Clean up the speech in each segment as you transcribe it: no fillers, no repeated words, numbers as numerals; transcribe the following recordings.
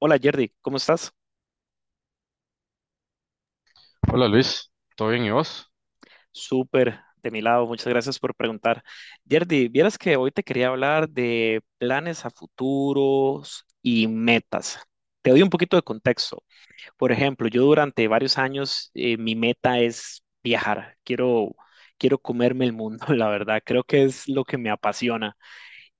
Hola Jerdy, ¿cómo estás? Hola Luis, ¿todo bien y vos? Súper, de mi lado, muchas gracias por preguntar. Jerdy, vieras que hoy te quería hablar de planes a futuros y metas. Te doy un poquito de contexto. Por ejemplo, yo durante varios años mi meta es viajar. Quiero comerme el mundo, la verdad. Creo que es lo que me apasiona.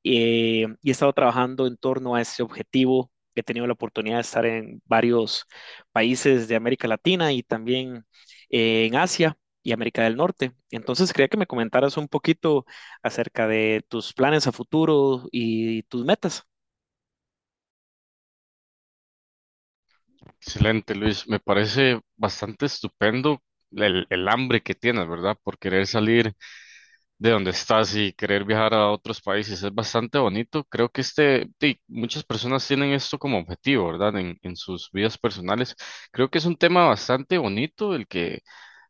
Y he estado trabajando en torno a ese objetivo. He tenido la oportunidad de estar en varios países de América Latina y también en Asia y América del Norte. Entonces, quería que me comentaras un poquito acerca de tus planes a futuro y tus metas. Excelente Luis, me parece bastante estupendo el hambre que tienes, ¿verdad? Por querer salir de donde estás y querer viajar a otros países, es bastante bonito. Creo que este, sí, muchas personas tienen esto como objetivo, ¿verdad? En sus vidas personales. Creo que es un tema bastante bonito el que.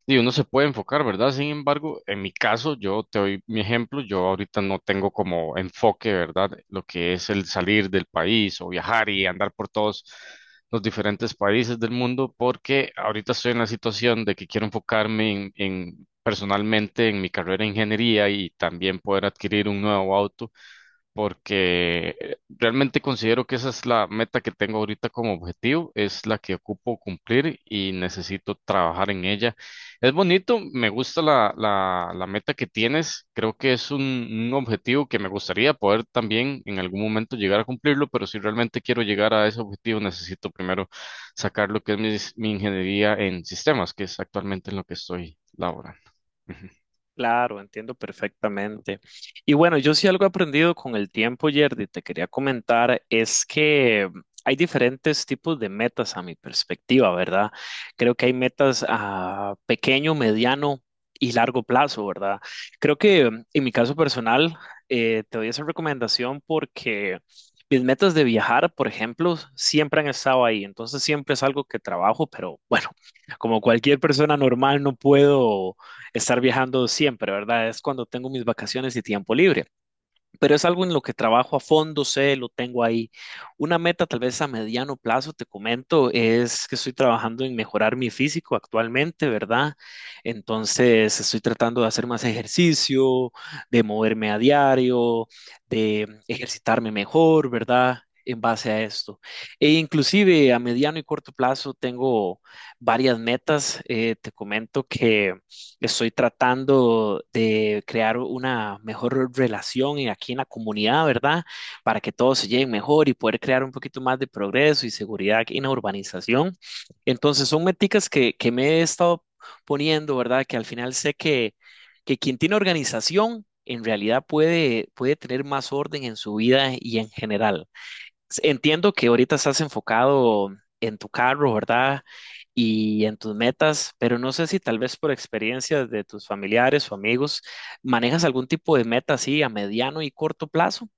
Y uno se puede enfocar, ¿verdad? Sin embargo, en mi caso, yo te doy mi ejemplo, yo ahorita no tengo como enfoque, ¿verdad? Lo que es el salir del país o viajar y andar por todos los diferentes países del mundo, porque ahorita estoy en la situación de que quiero enfocarme personalmente en mi carrera de ingeniería y también poder adquirir un nuevo auto porque realmente considero que esa es la meta que tengo ahorita como objetivo, es la que ocupo cumplir y necesito trabajar en ella. Es bonito, me gusta la meta que tienes, creo que es un objetivo que me gustaría poder también en algún momento llegar a cumplirlo, pero si realmente quiero llegar a ese objetivo necesito primero sacar lo que es mi ingeniería en sistemas, que es actualmente en lo que estoy laborando. Claro, entiendo perfectamente. Y bueno, yo sí algo he aprendido con el tiempo, Yerdy, te quería comentar, es que hay diferentes tipos de metas a mi perspectiva, ¿verdad? Creo que hay metas a pequeño, mediano y largo plazo, ¿verdad? Creo que en mi caso personal, te doy esa recomendación porque mis metas de viajar, por ejemplo, siempre han estado ahí, entonces siempre es algo que trabajo, pero bueno, como cualquier persona normal, no puedo estar viajando siempre, ¿verdad? Es cuando tengo mis vacaciones y tiempo libre, pero es algo en lo que trabajo a fondo, sé, lo tengo ahí. Una meta tal vez a mediano plazo, te comento, es que estoy trabajando en mejorar mi físico actualmente, ¿verdad? Entonces estoy tratando de hacer más ejercicio, de moverme a diario, de ejercitarme mejor, ¿verdad? En base a esto. E inclusive a mediano y corto plazo tengo varias metas. Te comento que estoy tratando de crear una mejor relación en- aquí en la comunidad, ¿verdad? Para que todos se lleguen mejor y poder crear un poquito más de progreso y seguridad en la urbanización. Entonces, son meticas que me he estado poniendo, ¿verdad? Que al final que quien tiene organización en realidad puede tener más orden en su vida y en general. Entiendo que ahorita estás enfocado en tu carro, ¿verdad? Y en tus metas, pero no sé si tal vez por experiencias de tus familiares o amigos, manejas algún tipo de meta así a mediano y corto plazo.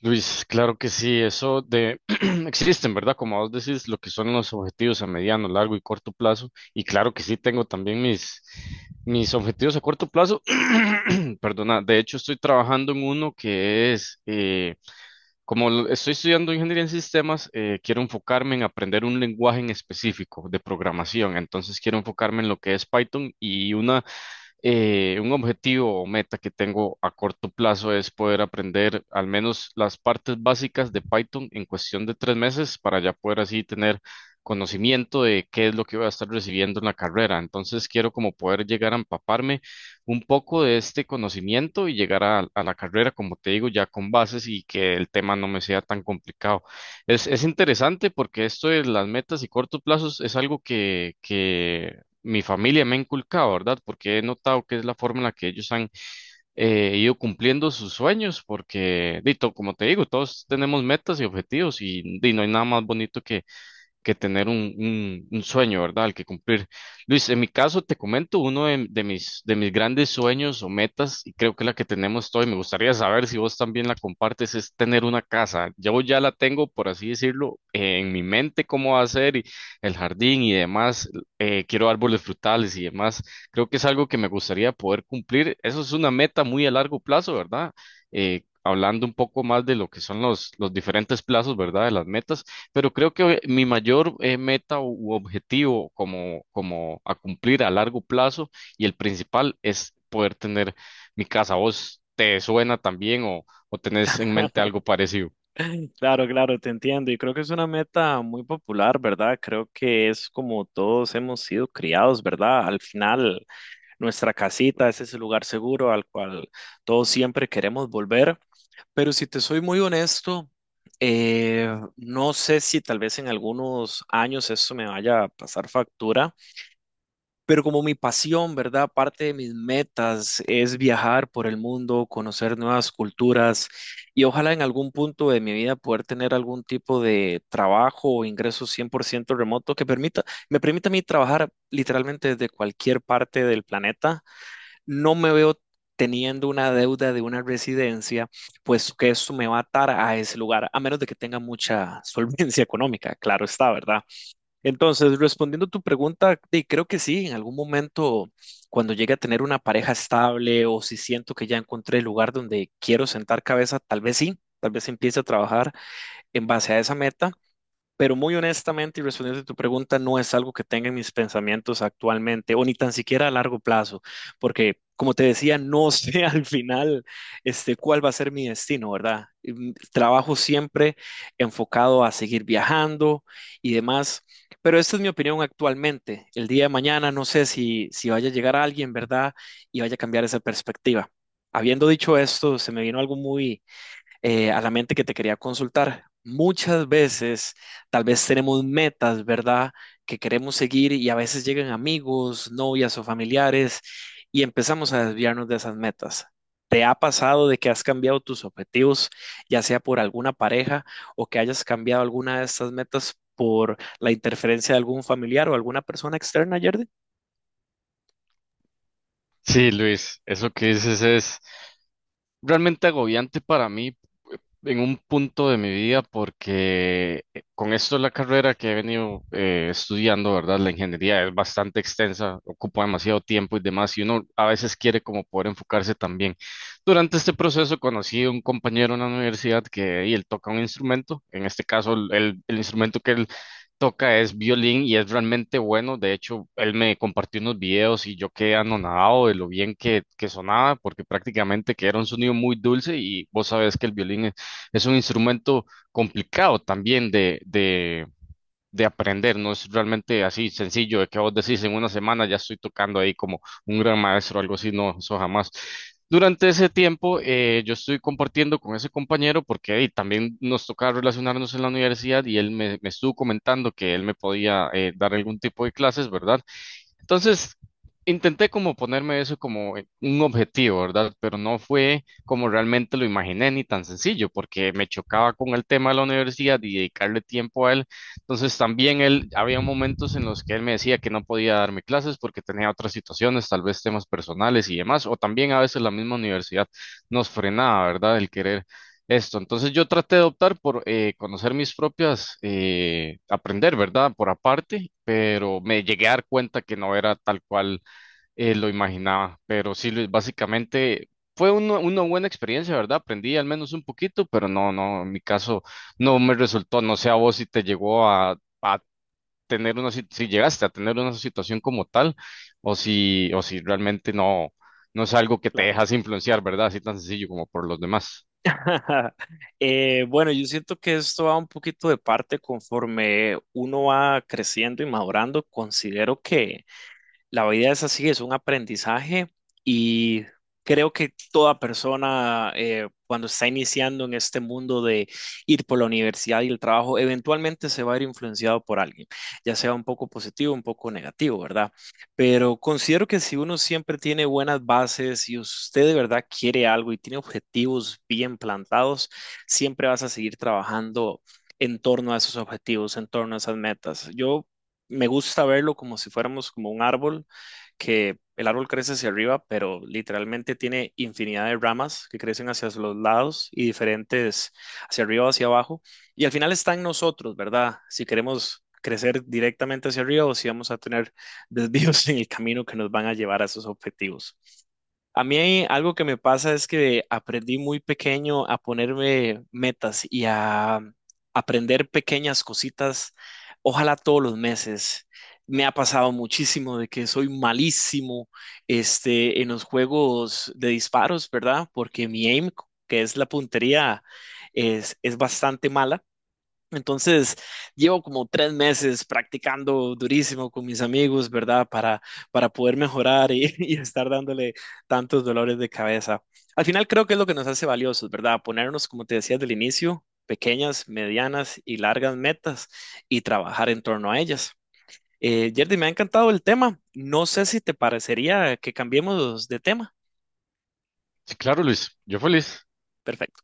Luis, claro que sí, eso de existen, ¿verdad? Como vos decís, lo que son los objetivos a mediano, largo y corto plazo. Y claro que sí, tengo también mis objetivos a corto plazo. Perdona, de hecho estoy trabajando en uno que es, como estoy estudiando ingeniería en sistemas, quiero enfocarme en aprender un lenguaje en específico de programación. Entonces quiero enfocarme en lo que es Python y una un objetivo o meta que tengo a corto plazo es poder aprender al menos las partes básicas de Python en cuestión de tres meses para ya poder así tener conocimiento de qué es lo que voy a estar recibiendo en la carrera. Entonces quiero como poder llegar a empaparme un poco de este conocimiento y llegar a la carrera, como te digo, ya con bases y que el tema no me sea tan complicado. Es interesante porque esto de las metas y cortos plazos es algo que mi familia me ha inculcado, ¿verdad? Porque he notado que es la forma en la que ellos han ido cumpliendo sus sueños, porque, dito, como te digo, todos tenemos metas y objetivos y, di, no hay nada más bonito que tener un sueño, ¿verdad? Al que cumplir. Luis, en mi caso, te comento uno de mis grandes sueños o metas, y creo que la que tenemos todos, y me gustaría saber si vos también la compartes, es tener una casa. Yo ya la tengo, por así decirlo, en mi mente cómo va a ser, y el jardín y demás. Quiero árboles frutales y demás. Creo que es algo que me gustaría poder cumplir. Eso es una meta muy a largo plazo, ¿verdad? Hablando un poco más de lo que son los diferentes plazos, ¿verdad? De las metas. Pero creo que mi mayor meta u objetivo como a cumplir a largo plazo y el principal es poder tener mi casa. ¿Vos te suena también o tenés en mente algo parecido? Claro, claro, te entiendo. Y creo que es una meta muy popular, ¿verdad? Creo que es como todos hemos sido criados, ¿verdad? Al final, nuestra casita, ese es el lugar seguro al cual todos siempre queremos volver. Pero si te soy muy honesto, eh, no sé si tal vez en algunos años eso me vaya a pasar factura, pero como mi pasión, ¿verdad? Parte de mis metas es viajar por el mundo, conocer nuevas culturas y ojalá en algún punto de mi vida poder tener algún tipo de trabajo o ingreso 100% remoto me permita a mí trabajar literalmente desde cualquier parte del planeta. No me veo teniendo una deuda de una residencia, pues que eso me va a atar a ese lugar, a menos de que tenga mucha solvencia económica, claro está, ¿verdad? Entonces, respondiendo a tu pregunta, sí, creo que sí, en algún momento, cuando llegue a tener una pareja estable o si siento que ya encontré el lugar donde quiero sentar cabeza, tal vez sí, tal vez empiece a trabajar en base a esa meta, pero muy honestamente y respondiendo a tu pregunta, no es algo que tenga en mis pensamientos actualmente o ni tan siquiera a largo plazo, porque como te decía, no sé al final cuál va a ser mi destino, ¿verdad? Trabajo siempre enfocado a seguir viajando y demás, pero esta es mi opinión actualmente. El día de mañana no sé si vaya a llegar alguien, ¿verdad? Y vaya a cambiar esa perspectiva. Habiendo dicho esto, se me vino algo muy a la mente que te quería consultar. Muchas veces, tal vez tenemos metas, ¿verdad? Que queremos seguir y a veces llegan amigos, novias o familiares y empezamos a desviarnos de esas metas. ¿Te ha pasado de que has cambiado tus objetivos, ya sea por alguna pareja o que hayas cambiado alguna de estas metas por la interferencia de algún familiar o alguna persona externa, Yerdy? Sí, Luis, eso que dices es realmente agobiante para mí en un punto de mi vida porque con esto la carrera que he venido estudiando, ¿verdad? La ingeniería es bastante extensa, ocupa demasiado tiempo y demás, y uno a veces quiere como poder enfocarse también. Durante este proceso conocí a un compañero en la universidad que y él toca un instrumento, en este caso el instrumento que él toca es violín y es realmente bueno. De hecho, él me compartió unos videos y yo quedé anonadado de lo bien que sonaba, porque prácticamente que era un sonido muy dulce y vos sabés que el violín es un instrumento complicado también de aprender, no es realmente así sencillo de que vos decís en una semana ya estoy tocando ahí como un gran maestro o algo así, no, eso jamás. Durante ese tiempo yo estoy compartiendo con ese compañero porque ahí también nos tocaba relacionarnos en la universidad y él me estuvo comentando que él me podía dar algún tipo de clases, ¿verdad? Entonces, intenté como ponerme eso como un objetivo, ¿verdad? Pero no fue como realmente lo imaginé ni tan sencillo, porque me chocaba con el tema de la universidad y dedicarle tiempo a él. Entonces, también él, había momentos en los que él me decía que no podía darme clases porque tenía otras situaciones, tal vez temas personales y demás, o también a veces la misma universidad nos frenaba, ¿verdad? El querer esto, entonces yo traté de optar por conocer mis propias, aprender, ¿verdad? Por aparte, pero me llegué a dar cuenta que no era tal cual lo imaginaba. Pero sí, Luis, básicamente fue una buena experiencia, ¿verdad? Aprendí al menos un poquito, pero no, no, en mi caso no me resultó. No sé a vos si te llegó a tener una, sit- si llegaste a tener una situación como tal, o si realmente no, no es algo que te Claro. dejas influenciar, ¿verdad? Así tan sencillo como por los demás. Bueno, yo siento que esto va un poquito de parte conforme uno va creciendo y madurando. Considero que la vida es así, es un aprendizaje y creo que toda persona cuando está iniciando en este mundo de ir por la universidad y el trabajo, eventualmente se va a ir influenciado por alguien, ya sea un poco positivo, un poco negativo, ¿verdad? Pero considero que si uno siempre tiene buenas bases y usted de verdad quiere algo y tiene objetivos bien plantados, siempre vas a seguir trabajando en torno a esos objetivos, en torno a esas metas. Yo me gusta verlo como si fuéramos como un árbol, que el árbol crece hacia arriba, pero literalmente tiene infinidad de ramas que crecen hacia los lados y diferentes hacia arriba o hacia abajo. Y al final está en nosotros, ¿verdad? Si queremos crecer directamente hacia arriba o si vamos a tener desvíos en el camino que nos van a llevar a esos objetivos. A mí algo que me pasa es que aprendí muy pequeño a ponerme metas y a aprender pequeñas cositas, ojalá todos los meses. Me ha pasado muchísimo de que soy malísimo en los juegos de disparos, ¿verdad? Porque mi aim, que es la puntería, es bastante mala. Entonces, llevo como 3 meses practicando durísimo con mis amigos, ¿verdad? Para poder mejorar y, y estar dándole tantos dolores de cabeza. Al final creo que es lo que nos hace valiosos, ¿verdad? Ponernos, como te decía del inicio, pequeñas, medianas y largas metas y trabajar en torno a ellas. Yerdy, me ha encantado el tema. No sé si te parecería que cambiemos de tema. Sí, claro, Luis. Yo feliz. Perfecto.